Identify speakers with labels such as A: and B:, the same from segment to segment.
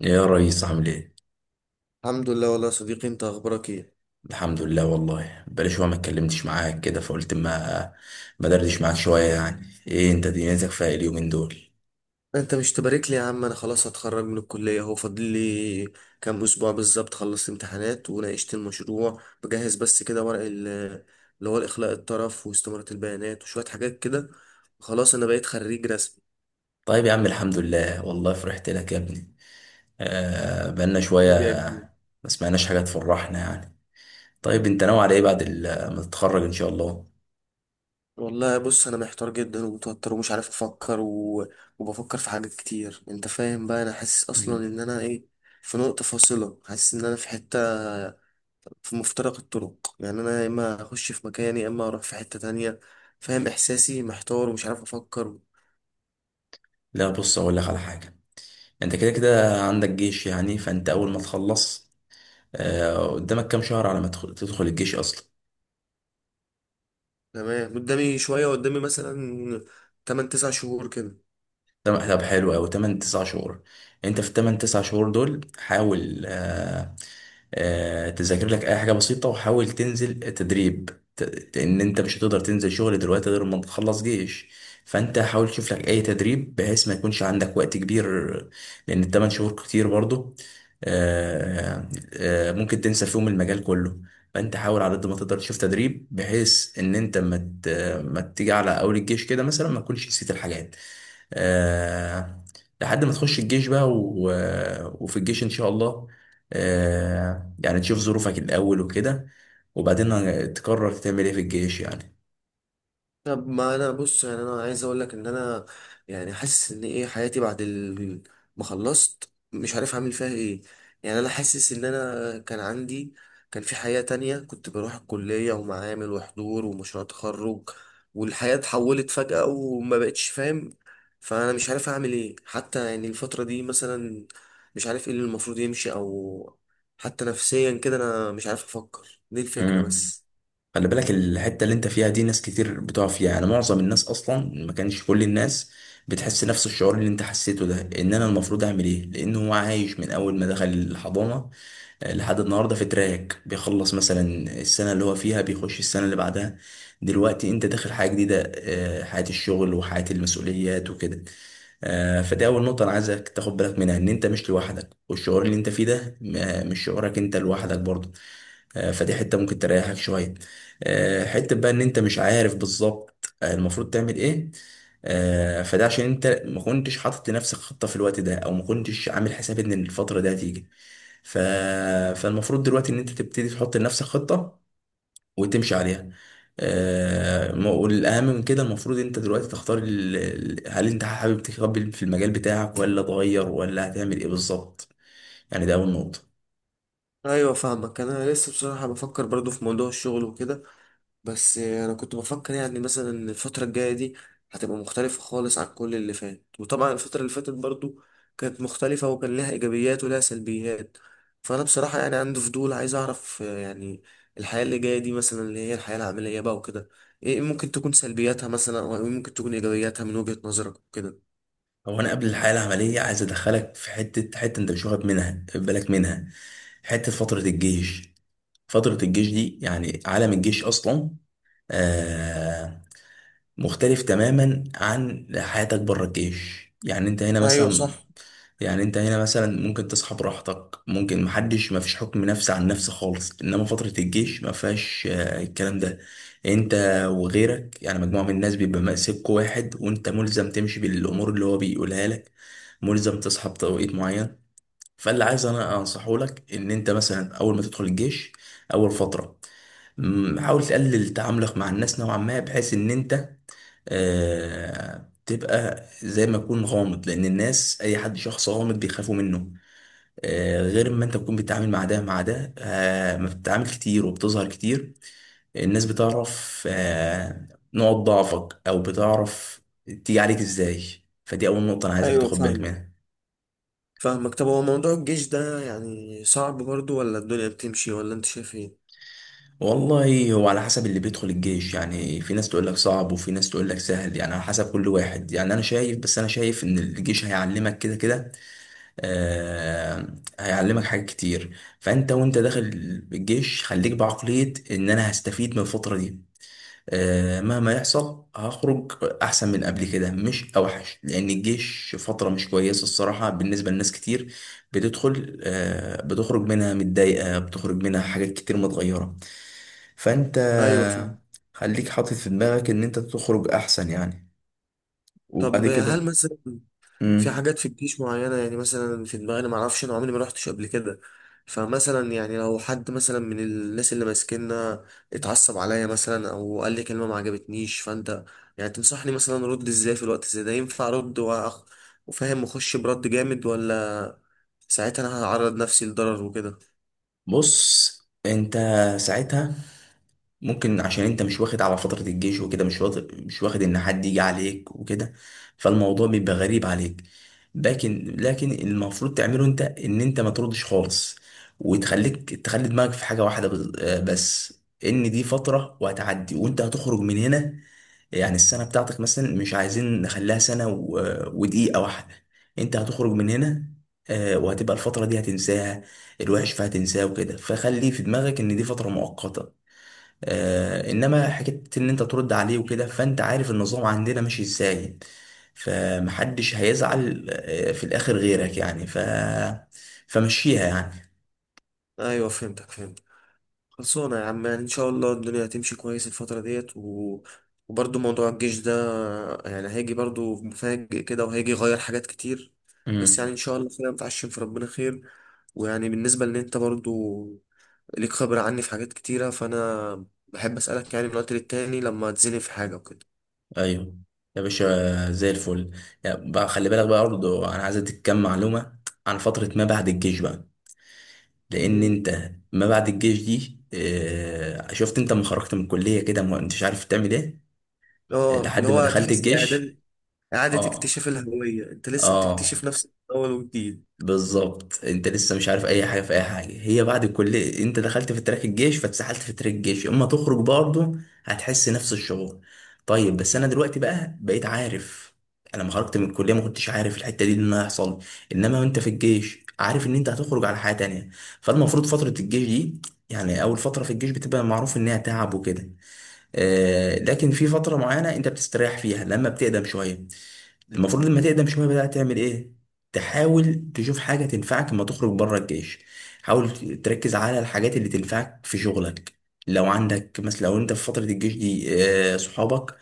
A: يا ريس، عامل ايه؟
B: الحمد لله والله يا صديقي، انت اخبارك ايه؟
A: الحمد لله والله. بقالي شويه ما اتكلمتش معاك كده فقلت ما دردش معاك شويه يعني. ايه انت دنيتك فيها إيه اليومين دول؟
B: انت مش تبارك لي يا عم؟ انا خلاص هتخرج من الكليه اهو. فاضل لي كام اسبوع بالظبط. خلصت امتحانات وناقشت المشروع، بجهز بس كده ورق اللي هو الاخلاء الطرف واستمارة البيانات وشويه حاجات كده. خلاص انا بقيت خريج رسمي.
A: طيب يا عم، الحمد لله والله، فرحت لك يا ابني. بقالنا شويه
B: حبيبي يا كبير.
A: ما سمعناش حاجه تفرحنا يعني. طيب انت ناوي على ايه بعد ما تتخرج ان شاء الله؟
B: والله بص انا محتار جدا ومتوتر ومش عارف وبفكر في حاجات كتير. انت فاهم بقى، انا حاسس اصلا
A: مم.
B: ان انا ايه، في نقطة فاصلة. حاسس ان انا في حتة، في مفترق الطرق. يعني انا يا اما اخش في مكاني، يا اما اروح في حتة تانية. فاهم احساسي؟ محتار ومش عارف افكر.
A: لا، بص اقول لك على حاجه. انت كده كده عندك جيش، يعني فانت اول ما تخلص قدامك كام شهر على ما تدخل الجيش اصلا.
B: تمام، قدامي مثلا 8 9 شهور كده.
A: طب طب، حلو أوي 8 9 شهور. أنت في ال8 9 شهور دول حاول، تذاكر لك أي حاجة بسيطة وحاول تنزل تدريب. إن أنت مش هتقدر تنزل شغل دلوقتي غير ما تخلص جيش، فأنت حاول تشوف لك أي تدريب بحيث ما يكونش عندك وقت كبير، لأن ال8 شهور كتير برضه. ممكن تنسى فيهم المجال كله. فأنت حاول على قد ما تقدر تشوف تدريب بحيث إن أنت ما تيجي على أول الجيش كده مثلا ما تكونش نسيت الحاجات، آه، لحد ما تخش الجيش بقى وفي الجيش ان شاء الله، آه، يعني تشوف ظروفك الاول وكده، وبعدين تقرر تعمل ايه في الجيش يعني.
B: طب ما انا بص، يعني انا عايز اقول لك ان انا يعني حاسس ان ايه، حياتي بعد ما خلصت مش عارف اعمل فيها ايه. يعني انا حاسس ان انا كان عندي، كان في حياة تانية، كنت بروح الكلية ومعامل وحضور ومشروع تخرج، والحياة اتحولت فجأة وما بقتش فاهم. فانا مش عارف اعمل ايه حتى يعني الفترة دي مثلا، مش عارف ايه اللي المفروض يمشي، او حتى نفسيا كده انا مش عارف افكر. دي الفكرة
A: امم
B: بس.
A: خلي بالك، الحتة اللي انت فيها دي ناس كتير بتقع فيها، يعني معظم الناس اصلا، ما كانش كل الناس بتحس نفس الشعور اللي انت حسيته ده، ان انا المفروض اعمل ايه، لان هو عايش من اول ما دخل الحضانة لحد النهارده في تراك بيخلص مثلا السنه اللي هو فيها بيخش السنه اللي بعدها. دلوقتي انت داخل حياه جديده، آه، حياه الشغل وحياه المسؤوليات وكده. آه، فدي اول نقطه انا عايزك تاخد بالك منها، ان انت مش لوحدك، والشعور اللي انت فيه ده مش شعورك انت لوحدك برضه. آه، فدي حته ممكن تريحك شويه. آه، حته بقى ان انت مش عارف بالظبط، آه، المفروض تعمل ايه. آه، فده عشان انت ما كنتش حاطط لنفسك خطه في الوقت ده، او ما كنتش عامل حساب ان الفتره دي هتيجي. ف... فالمفروض دلوقتي ان انت تبتدي تحط لنفسك خطة وتمشي عليها. آه، والاهم من كده المفروض انت دلوقتي تختار هل انت حابب تكمل في المجال بتاعك ولا تغير ولا هتعمل ايه بالظبط؟ يعني ده اول نقطة.
B: ايوه فاهمك. انا لسه بصراحه بفكر برضو في موضوع الشغل وكده، بس انا كنت بفكر يعني مثلا إن الفتره الجايه دي هتبقى مختلفه خالص عن كل اللي فات. وطبعا الفتره اللي فاتت برضو كانت مختلفه، وكان لها ايجابيات ولها سلبيات. فانا بصراحه يعني عندي فضول، عايز اعرف آه، يعني الحياه اللي جايه دي مثلا، اللي هي الحياه العمليه بقى وكده، ايه ممكن تكون سلبياتها مثلا، او إيه ممكن تكون ايجابياتها من وجهه نظرك وكده.
A: هو انا قبل الحياة العملية عايز ادخلك في حتة، حتة انت مش واخد منها بالك منها، حتة فترة الجيش. فترة الجيش دي يعني عالم الجيش أصلا، آه، مختلف تماما عن حياتك بره الجيش. يعني أنت هنا
B: ايوه
A: مثلا،
B: صح.
A: يعني انت هنا مثلا ممكن تصحى براحتك، ممكن محدش، مفيش حكم نفس عن نفس خالص، انما فترة الجيش مفيهاش، آه، الكلام ده. انت وغيرك، يعني مجموعة من الناس بيبقى مأسكوا واحد وانت ملزم تمشي بالامور اللي هو بيقولها لك، ملزم تصحى بتوقيت معين. فاللي عايز انا انصحه لك ان انت مثلا اول ما تدخل الجيش، اول فترة، حاول تقلل تعاملك مع الناس نوعا ما بحيث ان انت، آه، تبقى زي ما تكون غامض، لان الناس اي حد شخص غامض بيخافوا منه. آه، غير ما انت تكون بتتعامل مع ده مع ده، آه، ما بتتعامل كتير وبتظهر كتير. الناس بتعرف، آه، نقط ضعفك، او بتعرف تيجي عليك ازاي. فدي اول نقطة انا عايزك
B: ايوه
A: تاخد بالك
B: فاهم.
A: منها.
B: فاهمك. طب هو موضوع الجيش ده يعني صعب برضو، ولا الدنيا بتمشي، ولا انت شايف ايه؟
A: والله هو على حسب اللي بيدخل الجيش. يعني في ناس تقول لك صعب، وفي ناس تقول لك سهل. يعني على حسب كل واحد. يعني انا شايف، بس انا شايف ان الجيش هيعلمك كده كده، آه، هيعلمك حاجات كتير. فانت وانت داخل الجيش خليك بعقلية ان انا هستفيد من الفترة دي. آه، مهما يحصل هخرج احسن من قبل كده، مش اوحش، لان الجيش فتره مش كويسه الصراحه بالنسبه لناس كتير بتدخل، آه، بتخرج منها متضايقه، بتخرج منها حاجات كتير متغيره. فانت
B: ايوه فاهم.
A: خليك حاطط في دماغك ان انت تخرج احسن يعني، وبعد
B: طب هل
A: كده.
B: مثلا في
A: مم.
B: حاجات في الجيش معينة؟ يعني مثلا في دماغي، انا معرفش، انا عمري ما روحتش قبل كده. فمثلا يعني لو حد مثلا من الناس اللي ماسكيننا اتعصب عليا مثلا، او قال لي كلمة ما عجبتنيش، فانت يعني تنصحني مثلا ارد ازاي؟ في الوقت زي ده ينفع وفاهم اخش برد جامد، ولا ساعتها انا هعرض نفسي لضرر وكده؟
A: بص، انت ساعتها ممكن عشان انت مش واخد على فترة الجيش وكده، مش واخد ان حد يجي عليك وكده، فالموضوع بيبقى غريب عليك. لكن المفروض تعمله انت ان انت ما تردش خالص، وتخليك، تخلي دماغك في حاجة واحدة آه، بس، ان دي فترة وهتعدي وانت هتخرج من هنا. يعني السنة بتاعتك مثلا مش عايزين نخليها سنة آه، ودقيقة واحدة. انت هتخرج من هنا، آه، وهتبقى الفترة دي هتنساها، الوحش فيها تنساه وكده. فخلي في دماغك ان دي فترة مؤقتة. آه، انما حكايه ان انت ترد عليه وكده، فانت عارف النظام عندنا ماشي ازاي، فمحدش هيزعل، آه، في الاخر غيرك يعني. فمشيها يعني.
B: ايوه فهمت. خلصانة يا عم، يعني إن شاء الله الدنيا هتمشي كويس الفترة ديت. وبرضه موضوع الجيش ده يعني هيجي برضه مفاجئ كده، وهيجي يغير حاجات كتير. بس
A: امم
B: يعني إن شاء الله خير، متعشم في ربنا خير. ويعني بالنسبة لأن أنت برضه ليك خبرة عني في حاجات كتيرة، فأنا بحب أسألك يعني من وقت للتاني لما تزني في حاجة وكده.
A: ايوه يا باشا، زي الفل. يعني بقى، خلي بالك بقى برضه، انا عايز اديك كام معلومه عن فتره ما بعد الجيش بقى. لان
B: مم.
A: انت ما بعد الجيش دي، آه، شفت انت لما خرجت من الكليه كده ما انتش عارف تعمل ايه
B: اه اللي
A: لحد ما
B: هو
A: دخلت
B: تحس
A: الجيش.
B: إعادة
A: اه،
B: اكتشاف الهوية. أنت لسه
A: اه،
B: بتكتشف نفسك من أول وجديد.
A: بالظبط. انت لسه مش عارف اي حاجه في اي حاجه، هي بعد الكليه انت دخلت في تراك الجيش، فاتسحلت في تراك الجيش، اما تخرج برضه هتحس نفس الشعور. طيب بس انا دلوقتي بقى بقيت عارف. انا لما خرجت من الكليه ما كنتش عارف الحته دي ان هيحصل، انما وانت في الجيش عارف ان انت هتخرج على حياه تانية. فالمفروض فتره الجيش دي، يعني اول فتره في الجيش بتبقى معروف انها تعب وكده، آه، لكن في فتره معينه انت بتستريح فيها لما بتقدم شويه. المفروض لما تقدم شوية بقى تعمل ايه؟ تحاول تشوف حاجة تنفعك لما تخرج بره الجيش. حاول تركز على الحاجات اللي تنفعك في شغلك. لو عندك مثلا، لو انت في فترة الجيش دي، آه، صحابك،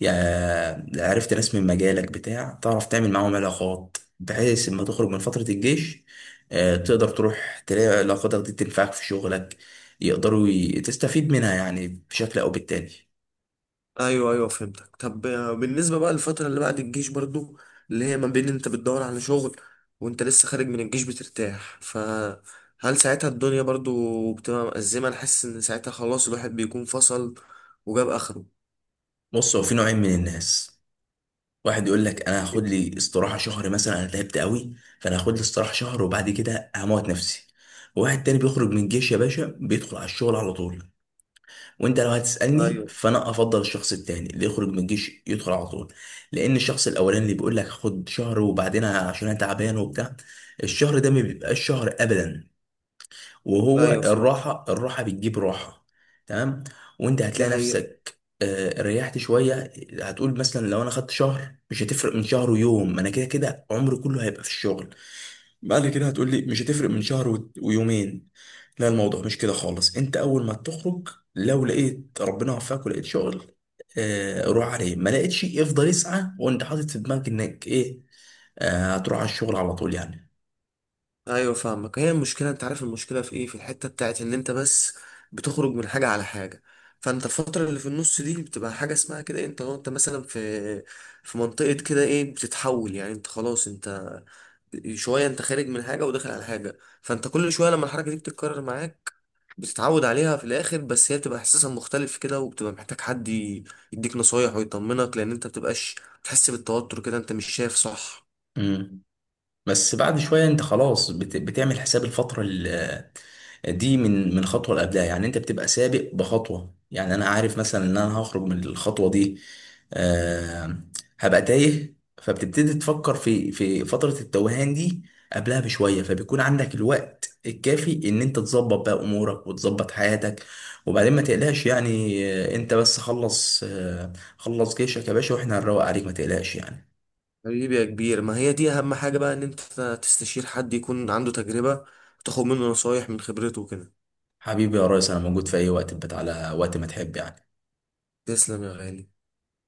A: يعني عرفت ناس من مجالك بتاع، تعرف تعمل معاهم علاقات بحيث لما تخرج من فترة الجيش، آه، تقدر تروح تلاقي علاقاتك دي تنفعك في شغلك، يقدروا، تستفيد منها يعني بشكل او بالتاني.
B: ايوه ايوه فهمتك. طب آه، بالنسبه بقى للفتره اللي بعد الجيش برضو، اللي هي ما بين انت بتدور على شغل وانت لسه خارج من الجيش بترتاح، فهل ساعتها الدنيا برضو بتبقى مأزمه؟ انا حاسس ان ساعتها خلاص الواحد بيكون فصل وجاب اخره.
A: بص، هو في نوعين من الناس. واحد يقول لك انا هاخد لي استراحه شهر مثلا، انا تعبت قوي فانا هاخد لي استراحه شهر وبعد كده هموت نفسي. وواحد تاني بيخرج من الجيش يا باشا بيدخل على الشغل على طول. وانت لو هتسالني
B: ايوه
A: فانا افضل الشخص التاني اللي يخرج من الجيش يدخل على طول. لان الشخص الاولاني اللي بيقول لك خد شهر وبعدين عشان انا تعبان وبتاع، الشهر ده ما بيبقاش شهر ابدا. وهو
B: ايوه فهمت.
A: الراحة، الراحة بتجيب راحة. تمام. وانت
B: دي
A: هتلاقي
B: حقيقه.
A: نفسك، آه، ريحت شوية، هتقول مثلا لو انا خدت شهر مش هتفرق من شهر ويوم، ما انا كده كده عمري كله هيبقى في الشغل. بعد كده هتقول لي مش هتفرق من شهر ويومين. لا، الموضوع مش كده خالص. انت اول ما تخرج لو لقيت ربنا وفقك ولقيت شغل، آه، روح عليه. ما لقيتش افضل اسعى وانت حاطط في دماغك انك ايه، آه، هتروح على الشغل على طول يعني.
B: ايوه فاهمك. هي المشكله، انت عارف المشكله في ايه؟ في الحته بتاعت ان انت بس بتخرج من حاجه على حاجه. فانت الفتره اللي في النص دي بتبقى حاجه اسمها كده إيه، انت مثلا في في منطقه كده ايه بتتحول. يعني انت خلاص انت شويه، انت خارج من حاجه وداخل على حاجه، فانت كل شويه لما الحركه دي بتتكرر معاك بتتعود عليها في الاخر. بس هي بتبقى احساسها مختلف كده، وبتبقى محتاج حد يديك نصايح ويطمنك، لان انت بتبقاش تحس بالتوتر كده. انت مش شايف صح؟
A: مم. بس بعد شوية انت خلاص بتعمل حساب الفترة دي من خطوة اللي قبلها، يعني انت بتبقى سابق بخطوة. يعني انا عارف مثلا ان انا هخرج من الخطوة دي، آه... هبقى تايه، فبتبتدي تفكر في فترة التوهان دي قبلها بشوية، فبيكون عندك الوقت الكافي ان انت تظبط بقى امورك وتظبط حياتك. وبعدين ما تقلقش يعني. آه، انت بس خلص، آه، خلص جيشك يا باشا واحنا هنروق عليك، ما تقلقش يعني.
B: حبيبي يا كبير، ما هي دي اهم حاجة بقى، ان انت تستشير حد يكون عنده تجربة وتاخد منه نصايح من خبرته وكده.
A: حبيبي يا ريس، انا موجود في اي وقت، بتاع على وقت ما تحب يعني.
B: تسلم يا غالي.